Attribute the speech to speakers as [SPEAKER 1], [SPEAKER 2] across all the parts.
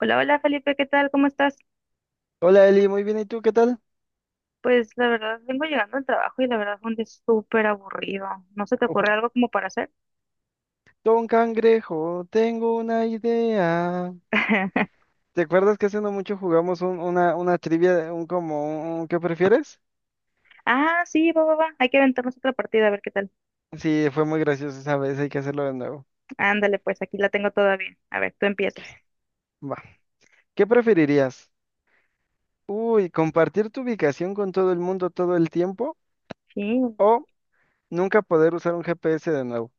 [SPEAKER 1] Hola, hola Felipe, ¿qué tal? ¿Cómo estás?
[SPEAKER 2] Hola Eli, muy bien, ¿y tú qué tal?
[SPEAKER 1] Pues la verdad, vengo llegando al trabajo y la verdad fue un día súper aburrido. ¿No se te
[SPEAKER 2] Ojo.
[SPEAKER 1] ocurre algo como para hacer?
[SPEAKER 2] Don Cangrejo, tengo una idea. ¿Te acuerdas que hace no mucho jugamos una trivia, un como un ¿qué prefieres?
[SPEAKER 1] Ah, sí, va, va, va. Hay que aventarnos otra partida, a ver qué tal.
[SPEAKER 2] Sí, fue muy gracioso esa vez, hay que hacerlo de nuevo.
[SPEAKER 1] Ándale, pues aquí la tengo todavía. A ver, tú empiezas.
[SPEAKER 2] Va. ¿Qué preferirías? Uy, ¿compartir tu ubicación con todo el mundo todo el tiempo?
[SPEAKER 1] Sí,
[SPEAKER 2] ¿O nunca poder usar un GPS de nuevo?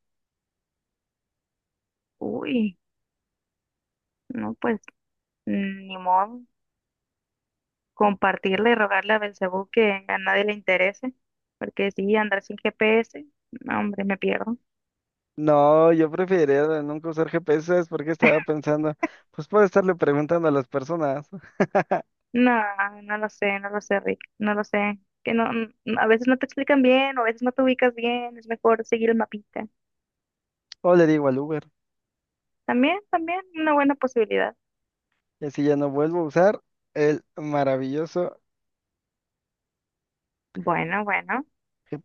[SPEAKER 1] uy, no, pues ni modo. Compartirle y rogarle a Belcebú que a nadie le interese, porque sí, andar sin GPS, no, hombre, me pierdo.
[SPEAKER 2] No, yo preferiría de nunca usar GPS, ¿sabes por qué estaba pensando? Pues puedo estarle preguntando a las personas.
[SPEAKER 1] No, no lo sé, no lo sé, Rick, no lo sé. Que no, a veces no te explican bien, o a veces no te ubicas bien, es mejor seguir el mapita.
[SPEAKER 2] O le digo al Uber.
[SPEAKER 1] También, también, una buena posibilidad.
[SPEAKER 2] Y así ya no vuelvo a usar el maravilloso
[SPEAKER 1] Bueno, bueno.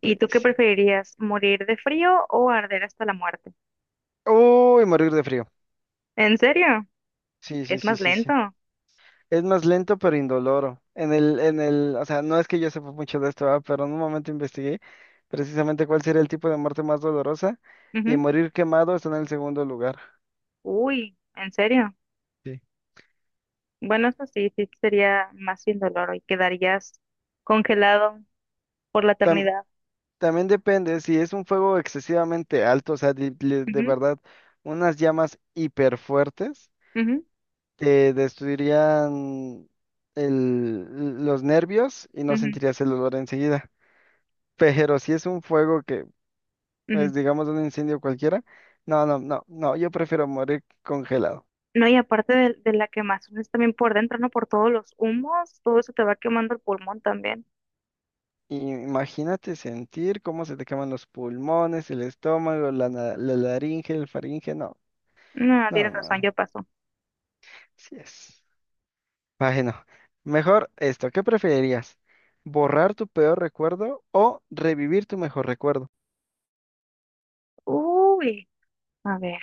[SPEAKER 1] ¿Y tú qué preferirías, morir de frío o arder hasta la muerte?
[SPEAKER 2] Uy, morir de frío.
[SPEAKER 1] ¿En serio?
[SPEAKER 2] Sí, sí,
[SPEAKER 1] Es
[SPEAKER 2] sí,
[SPEAKER 1] más
[SPEAKER 2] sí,
[SPEAKER 1] lento.
[SPEAKER 2] sí. Es más lento pero indoloro. O sea, no es que yo sepa mucho de esto, pero en un momento investigué precisamente cuál sería el tipo de muerte más dolorosa y
[SPEAKER 1] Ujú.
[SPEAKER 2] morir quemado está en el segundo lugar.
[SPEAKER 1] Uy, ¿en serio?
[SPEAKER 2] Sí.
[SPEAKER 1] Bueno, eso sí, sí sería más sin dolor y quedarías congelado por la
[SPEAKER 2] Tam-
[SPEAKER 1] eternidad.
[SPEAKER 2] También depende si es un fuego excesivamente alto, o sea, de
[SPEAKER 1] Ujú,
[SPEAKER 2] verdad, unas llamas hiper fuertes.
[SPEAKER 1] ujú,
[SPEAKER 2] Destruirían los nervios y no
[SPEAKER 1] ujú,
[SPEAKER 2] sentirías el olor enseguida. Pero si es un fuego que
[SPEAKER 1] ujú.
[SPEAKER 2] es, digamos, un incendio cualquiera, no, no, no, no, yo prefiero morir congelado.
[SPEAKER 1] No, y aparte de la quemazón es también por dentro, ¿no? Por todos los humos, todo eso te va quemando el pulmón también.
[SPEAKER 2] Imagínate sentir cómo se te queman los pulmones, el estómago, la laringe, el faringe, no,
[SPEAKER 1] No,
[SPEAKER 2] no,
[SPEAKER 1] tienes razón,
[SPEAKER 2] no,
[SPEAKER 1] ya pasó.
[SPEAKER 2] sí es. Bueno, mejor esto, ¿qué preferirías? ¿Borrar tu peor recuerdo o revivir tu mejor recuerdo?
[SPEAKER 1] Uy, a ver,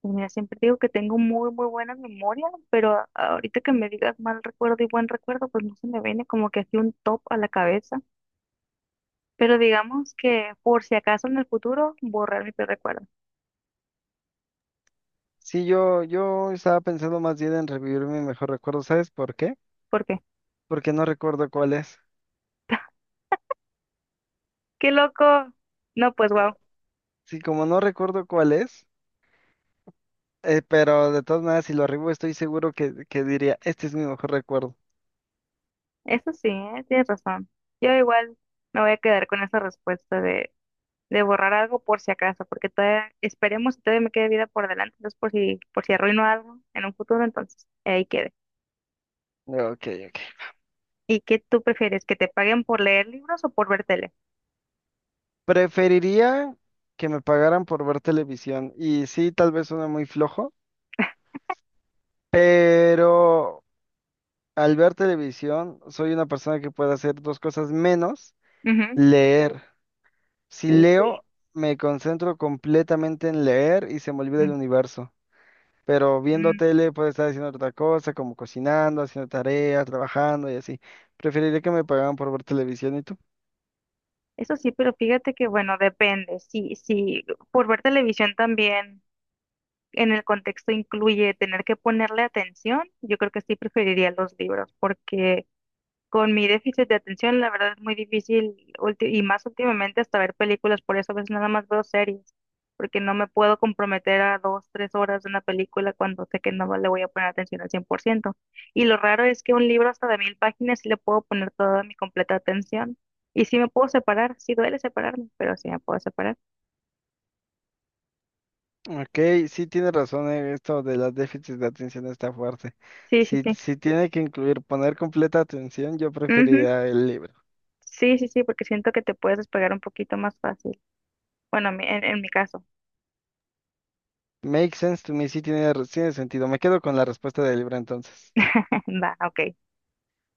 [SPEAKER 1] pues mira, siempre digo que tengo muy, muy buena memoria, pero ahorita que me digas mal recuerdo y buen recuerdo, pues no se me viene como que así un top a la cabeza. Pero digamos que por si acaso en el futuro, borrar mi peor recuerdo.
[SPEAKER 2] Sí, yo estaba pensando más bien en revivir mi mejor recuerdo. ¿Sabes por qué?
[SPEAKER 1] ¿Por qué?
[SPEAKER 2] Porque no recuerdo cuál es.
[SPEAKER 1] ¡Qué loco! No, pues wow,
[SPEAKER 2] Sí, como no recuerdo cuál es, pero de todas maneras, si lo revivo, estoy seguro que diría, este es mi mejor recuerdo.
[SPEAKER 1] eso sí, ¿eh? Tienes razón. Yo igual me voy a quedar con esa respuesta de borrar algo por si acaso, porque todavía esperemos que todavía me quede vida por delante, entonces por si arruino algo en un futuro, entonces ahí quede.
[SPEAKER 2] Ok, ok.
[SPEAKER 1] ¿Y qué tú prefieres, que te paguen por leer libros o por ver tele?
[SPEAKER 2] Preferiría que me pagaran por ver televisión. Y sí, tal vez suena muy flojo, pero al ver televisión, soy una persona que puede hacer dos cosas menos
[SPEAKER 1] Ujú.
[SPEAKER 2] leer. Si
[SPEAKER 1] Uy.
[SPEAKER 2] leo, me concentro completamente en leer y se me olvida el
[SPEAKER 1] Mm,
[SPEAKER 2] universo. Pero viendo
[SPEAKER 1] mm.
[SPEAKER 2] tele puedo estar haciendo otra cosa, como cocinando, haciendo tareas, trabajando y así. Preferiría que me pagaran por ver televisión y tú.
[SPEAKER 1] Eso sí, pero fíjate que bueno, depende. Si por ver televisión también en el contexto incluye tener que ponerle atención, yo creo que sí preferiría los libros, porque con mi déficit de atención, la verdad es muy difícil, y más últimamente hasta ver películas, por eso a veces nada más veo series, porque no me puedo comprometer a dos, tres horas de una película cuando sé que no le voy a poner atención al 100%. Y lo raro es que un libro hasta de 1000 páginas sí le puedo poner toda mi completa atención, y sí me puedo separar, sí duele separarme, pero sí me puedo separar.
[SPEAKER 2] Ok, sí tienes razón, esto de los déficits de atención está fuerte.
[SPEAKER 1] Sí, sí,
[SPEAKER 2] Si,
[SPEAKER 1] sí.
[SPEAKER 2] si tiene que incluir poner completa atención, yo
[SPEAKER 1] Ujú.
[SPEAKER 2] preferiría el libro.
[SPEAKER 1] Sí, sí, sí, porque siento que te puedes despegar un poquito más fácil. Bueno, en mi caso.
[SPEAKER 2] Make sense to me, sí tiene, tiene sentido. Me quedo con la respuesta del libro entonces.
[SPEAKER 1] Va, ok.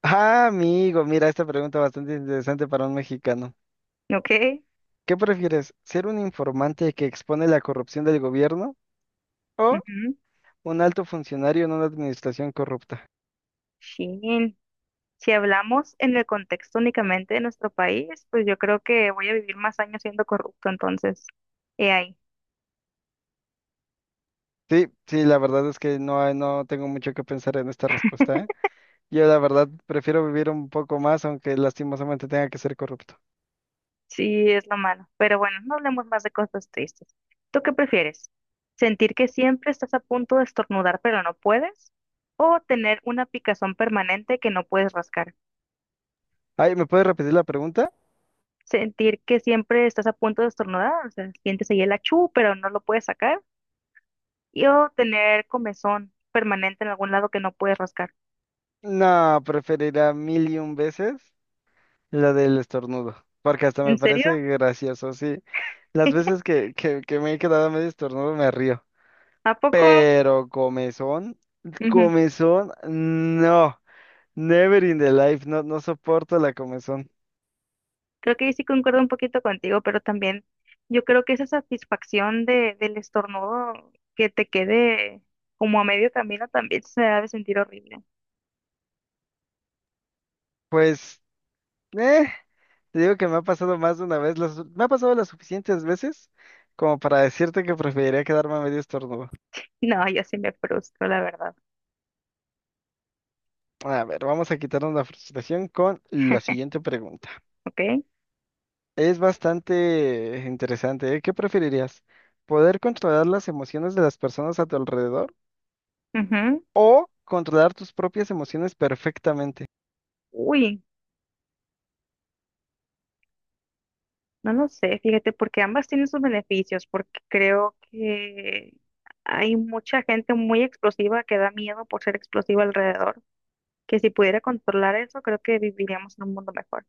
[SPEAKER 2] Ah, amigo, mira, esta pregunta bastante interesante para un mexicano.
[SPEAKER 1] Ok.
[SPEAKER 2] ¿Qué prefieres? ¿Ser un informante que expone la corrupción del gobierno o
[SPEAKER 1] Ujú.
[SPEAKER 2] un alto funcionario en una administración corrupta?
[SPEAKER 1] Sí. Si hablamos en el contexto únicamente de nuestro país, pues yo creo que voy a vivir más años siendo corrupto, entonces, he ahí,
[SPEAKER 2] Sí, sí, la verdad es que no, no tengo mucho que pensar en esta respuesta, ¿eh? Yo la verdad prefiero vivir un poco más, aunque lastimosamente tenga que ser corrupto.
[SPEAKER 1] sí es lo malo. Pero bueno, no hablemos más de cosas tristes. ¿Tú qué prefieres? ¿Sentir que siempre estás a punto de estornudar pero no puedes? ¿O tener una picazón permanente que no puedes rascar?
[SPEAKER 2] Ay, ¿me puedes repetir la pregunta?
[SPEAKER 1] ¿Sentir que siempre estás a punto de estornudar? O sea, sientes ahí el achú pero no lo puedes sacar. ¿Y o tener comezón permanente en algún lado que no puedes rascar?
[SPEAKER 2] No, preferirá mil y un veces la del estornudo, porque hasta me
[SPEAKER 1] ¿En serio?
[SPEAKER 2] parece gracioso, sí. Las veces que me he quedado medio estornudo me río.
[SPEAKER 1] ¿A poco?
[SPEAKER 2] Pero comezón,
[SPEAKER 1] Ujú.
[SPEAKER 2] comezón, no, never in the life, no, no soporto la comezón.
[SPEAKER 1] Creo que ahí sí concuerdo un poquito contigo, pero también yo creo que esa satisfacción del estornudo que te quede como a medio camino también se ha de sentir horrible.
[SPEAKER 2] Pues, eh, te digo que me ha pasado más de una vez, me ha pasado las suficientes veces como para decirte que preferiría quedarme a medio estornudo.
[SPEAKER 1] No, yo sí me frustro, la verdad.
[SPEAKER 2] A ver, vamos a quitarnos la frustración con la siguiente pregunta.
[SPEAKER 1] ¿Ok?
[SPEAKER 2] Es bastante interesante, ¿eh? ¿Qué preferirías? ¿Poder controlar las emociones de las personas a tu alrededor
[SPEAKER 1] Ujú.
[SPEAKER 2] o controlar tus propias emociones perfectamente?
[SPEAKER 1] Uy, no lo sé, fíjate, porque ambas tienen sus beneficios, porque creo que hay mucha gente muy explosiva que da miedo por ser explosiva alrededor, que si pudiera controlar eso, creo que viviríamos en un mundo mejor.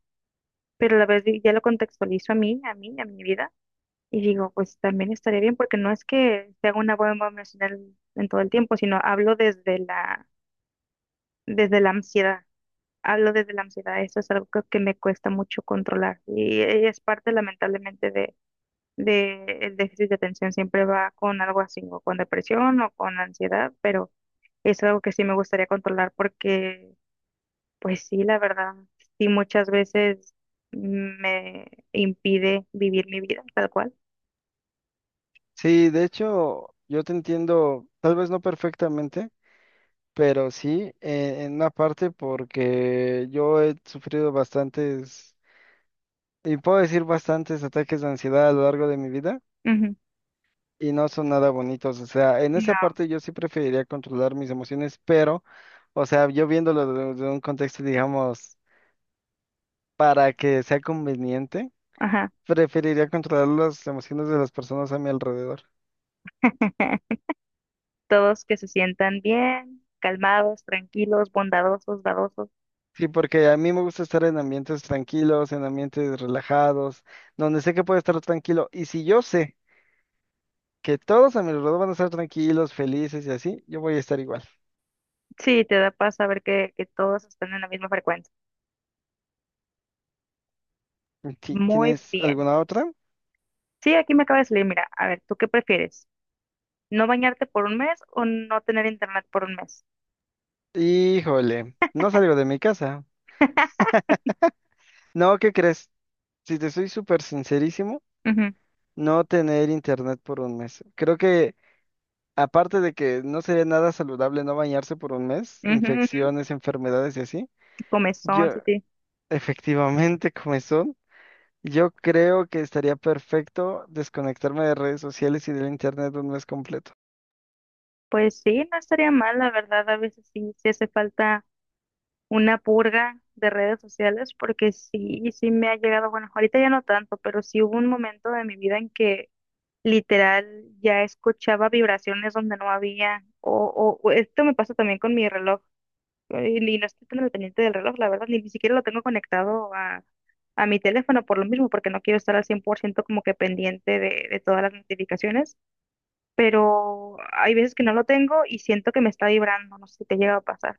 [SPEAKER 1] Pero a la vez ya lo contextualizo a mi vida. Y digo, pues también estaría bien porque no es que sea una bomba emocional en todo el tiempo, sino hablo desde la ansiedad. Hablo desde la ansiedad. Eso es algo que me cuesta mucho controlar. Y, es parte, lamentablemente, de el déficit de atención. Siempre va con algo así, o con depresión o con ansiedad, pero es algo que sí me gustaría controlar porque, pues sí, la verdad, sí muchas veces me impide vivir mi vida tal cual.
[SPEAKER 2] Sí, de hecho, yo te entiendo, tal vez no perfectamente, pero sí en una parte porque yo he sufrido bastantes, y puedo decir bastantes ataques de ansiedad a lo largo de mi vida
[SPEAKER 1] Ujú.
[SPEAKER 2] y no son nada bonitos. O sea, en
[SPEAKER 1] No,
[SPEAKER 2] esa parte yo sí preferiría controlar mis emociones, pero, o sea, yo viéndolo desde un contexto, digamos, para que sea conveniente,
[SPEAKER 1] ajá.
[SPEAKER 2] preferiría controlar las emociones de las personas a mi alrededor.
[SPEAKER 1] Todos que se sientan bien, calmados, tranquilos, bondadosos, dadosos.
[SPEAKER 2] Sí, porque a mí me gusta estar en ambientes tranquilos, en ambientes relajados, donde sé que puedo estar tranquilo. Y si yo sé que todos a mi alrededor van a estar tranquilos, felices y así, yo voy a estar igual.
[SPEAKER 1] Sí, te da paz saber que todos están en la misma frecuencia. Muy
[SPEAKER 2] ¿Tienes
[SPEAKER 1] bien.
[SPEAKER 2] alguna otra?
[SPEAKER 1] Sí, aquí me acaba de salir, mira, a ver, ¿tú qué prefieres? ¿No bañarte por un mes o no tener internet por un mes?
[SPEAKER 2] Híjole, no salgo de mi casa. No, ¿qué crees? Si te soy súper sincerísimo,
[SPEAKER 1] Ujú,
[SPEAKER 2] no tener internet por un mes. Creo que aparte de que no sería nada saludable no bañarse por un mes,
[SPEAKER 1] ujú, ujú.
[SPEAKER 2] infecciones, enfermedades y así,
[SPEAKER 1] Comezón,
[SPEAKER 2] yo
[SPEAKER 1] sí, sí.
[SPEAKER 2] efectivamente comezón. Yo creo que estaría perfecto desconectarme de redes sociales y del internet un mes completo.
[SPEAKER 1] Pues sí, no estaría mal, la verdad, a veces sí, sí hace falta una purga de redes sociales, porque sí, sí me ha llegado, bueno, ahorita ya no tanto, pero sí hubo un momento de mi vida en que literal, ya escuchaba vibraciones donde no había, o, o esto me pasa también con mi reloj, y no estoy tan al pendiente del reloj, la verdad, ni siquiera lo tengo conectado a, mi teléfono por lo mismo, porque no quiero estar al 100% como que pendiente de todas las notificaciones, pero hay veces que no lo tengo y siento que me está vibrando, no sé si te llega a pasar.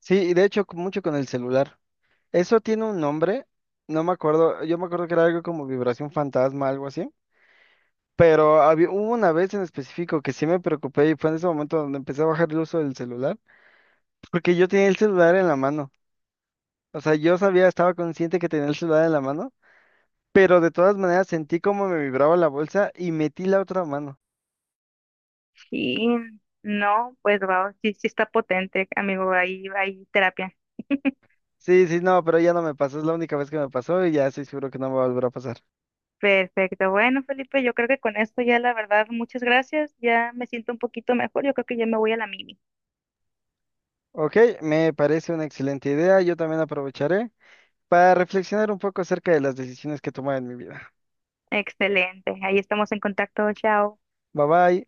[SPEAKER 2] Sí, y de hecho mucho con el celular. Eso tiene un nombre, no me acuerdo, yo me acuerdo que era algo como vibración fantasma, algo así. Pero había, hubo una vez en específico que sí me preocupé y fue en ese momento donde empecé a bajar el uso del celular, porque yo tenía el celular en la mano. O sea, yo sabía, estaba consciente que tenía el celular en la mano, pero de todas maneras sentí como me vibraba la bolsa y metí la otra mano.
[SPEAKER 1] Y no, pues va, sí, sí está potente, amigo, ahí, terapia.
[SPEAKER 2] Sí, sí, no, pero ya no me pasó, es la única vez que me pasó y ya estoy seguro que no me va a volver a pasar.
[SPEAKER 1] Perfecto. Bueno, Felipe, yo creo que con esto ya la verdad, muchas gracias. Ya me siento un poquito mejor. Yo creo que ya me voy a la mini.
[SPEAKER 2] Ok, me parece una excelente idea, yo también aprovecharé para reflexionar un poco acerca de las decisiones que tomé en mi vida.
[SPEAKER 1] Excelente. Ahí estamos en contacto. Chao.
[SPEAKER 2] Bye bye.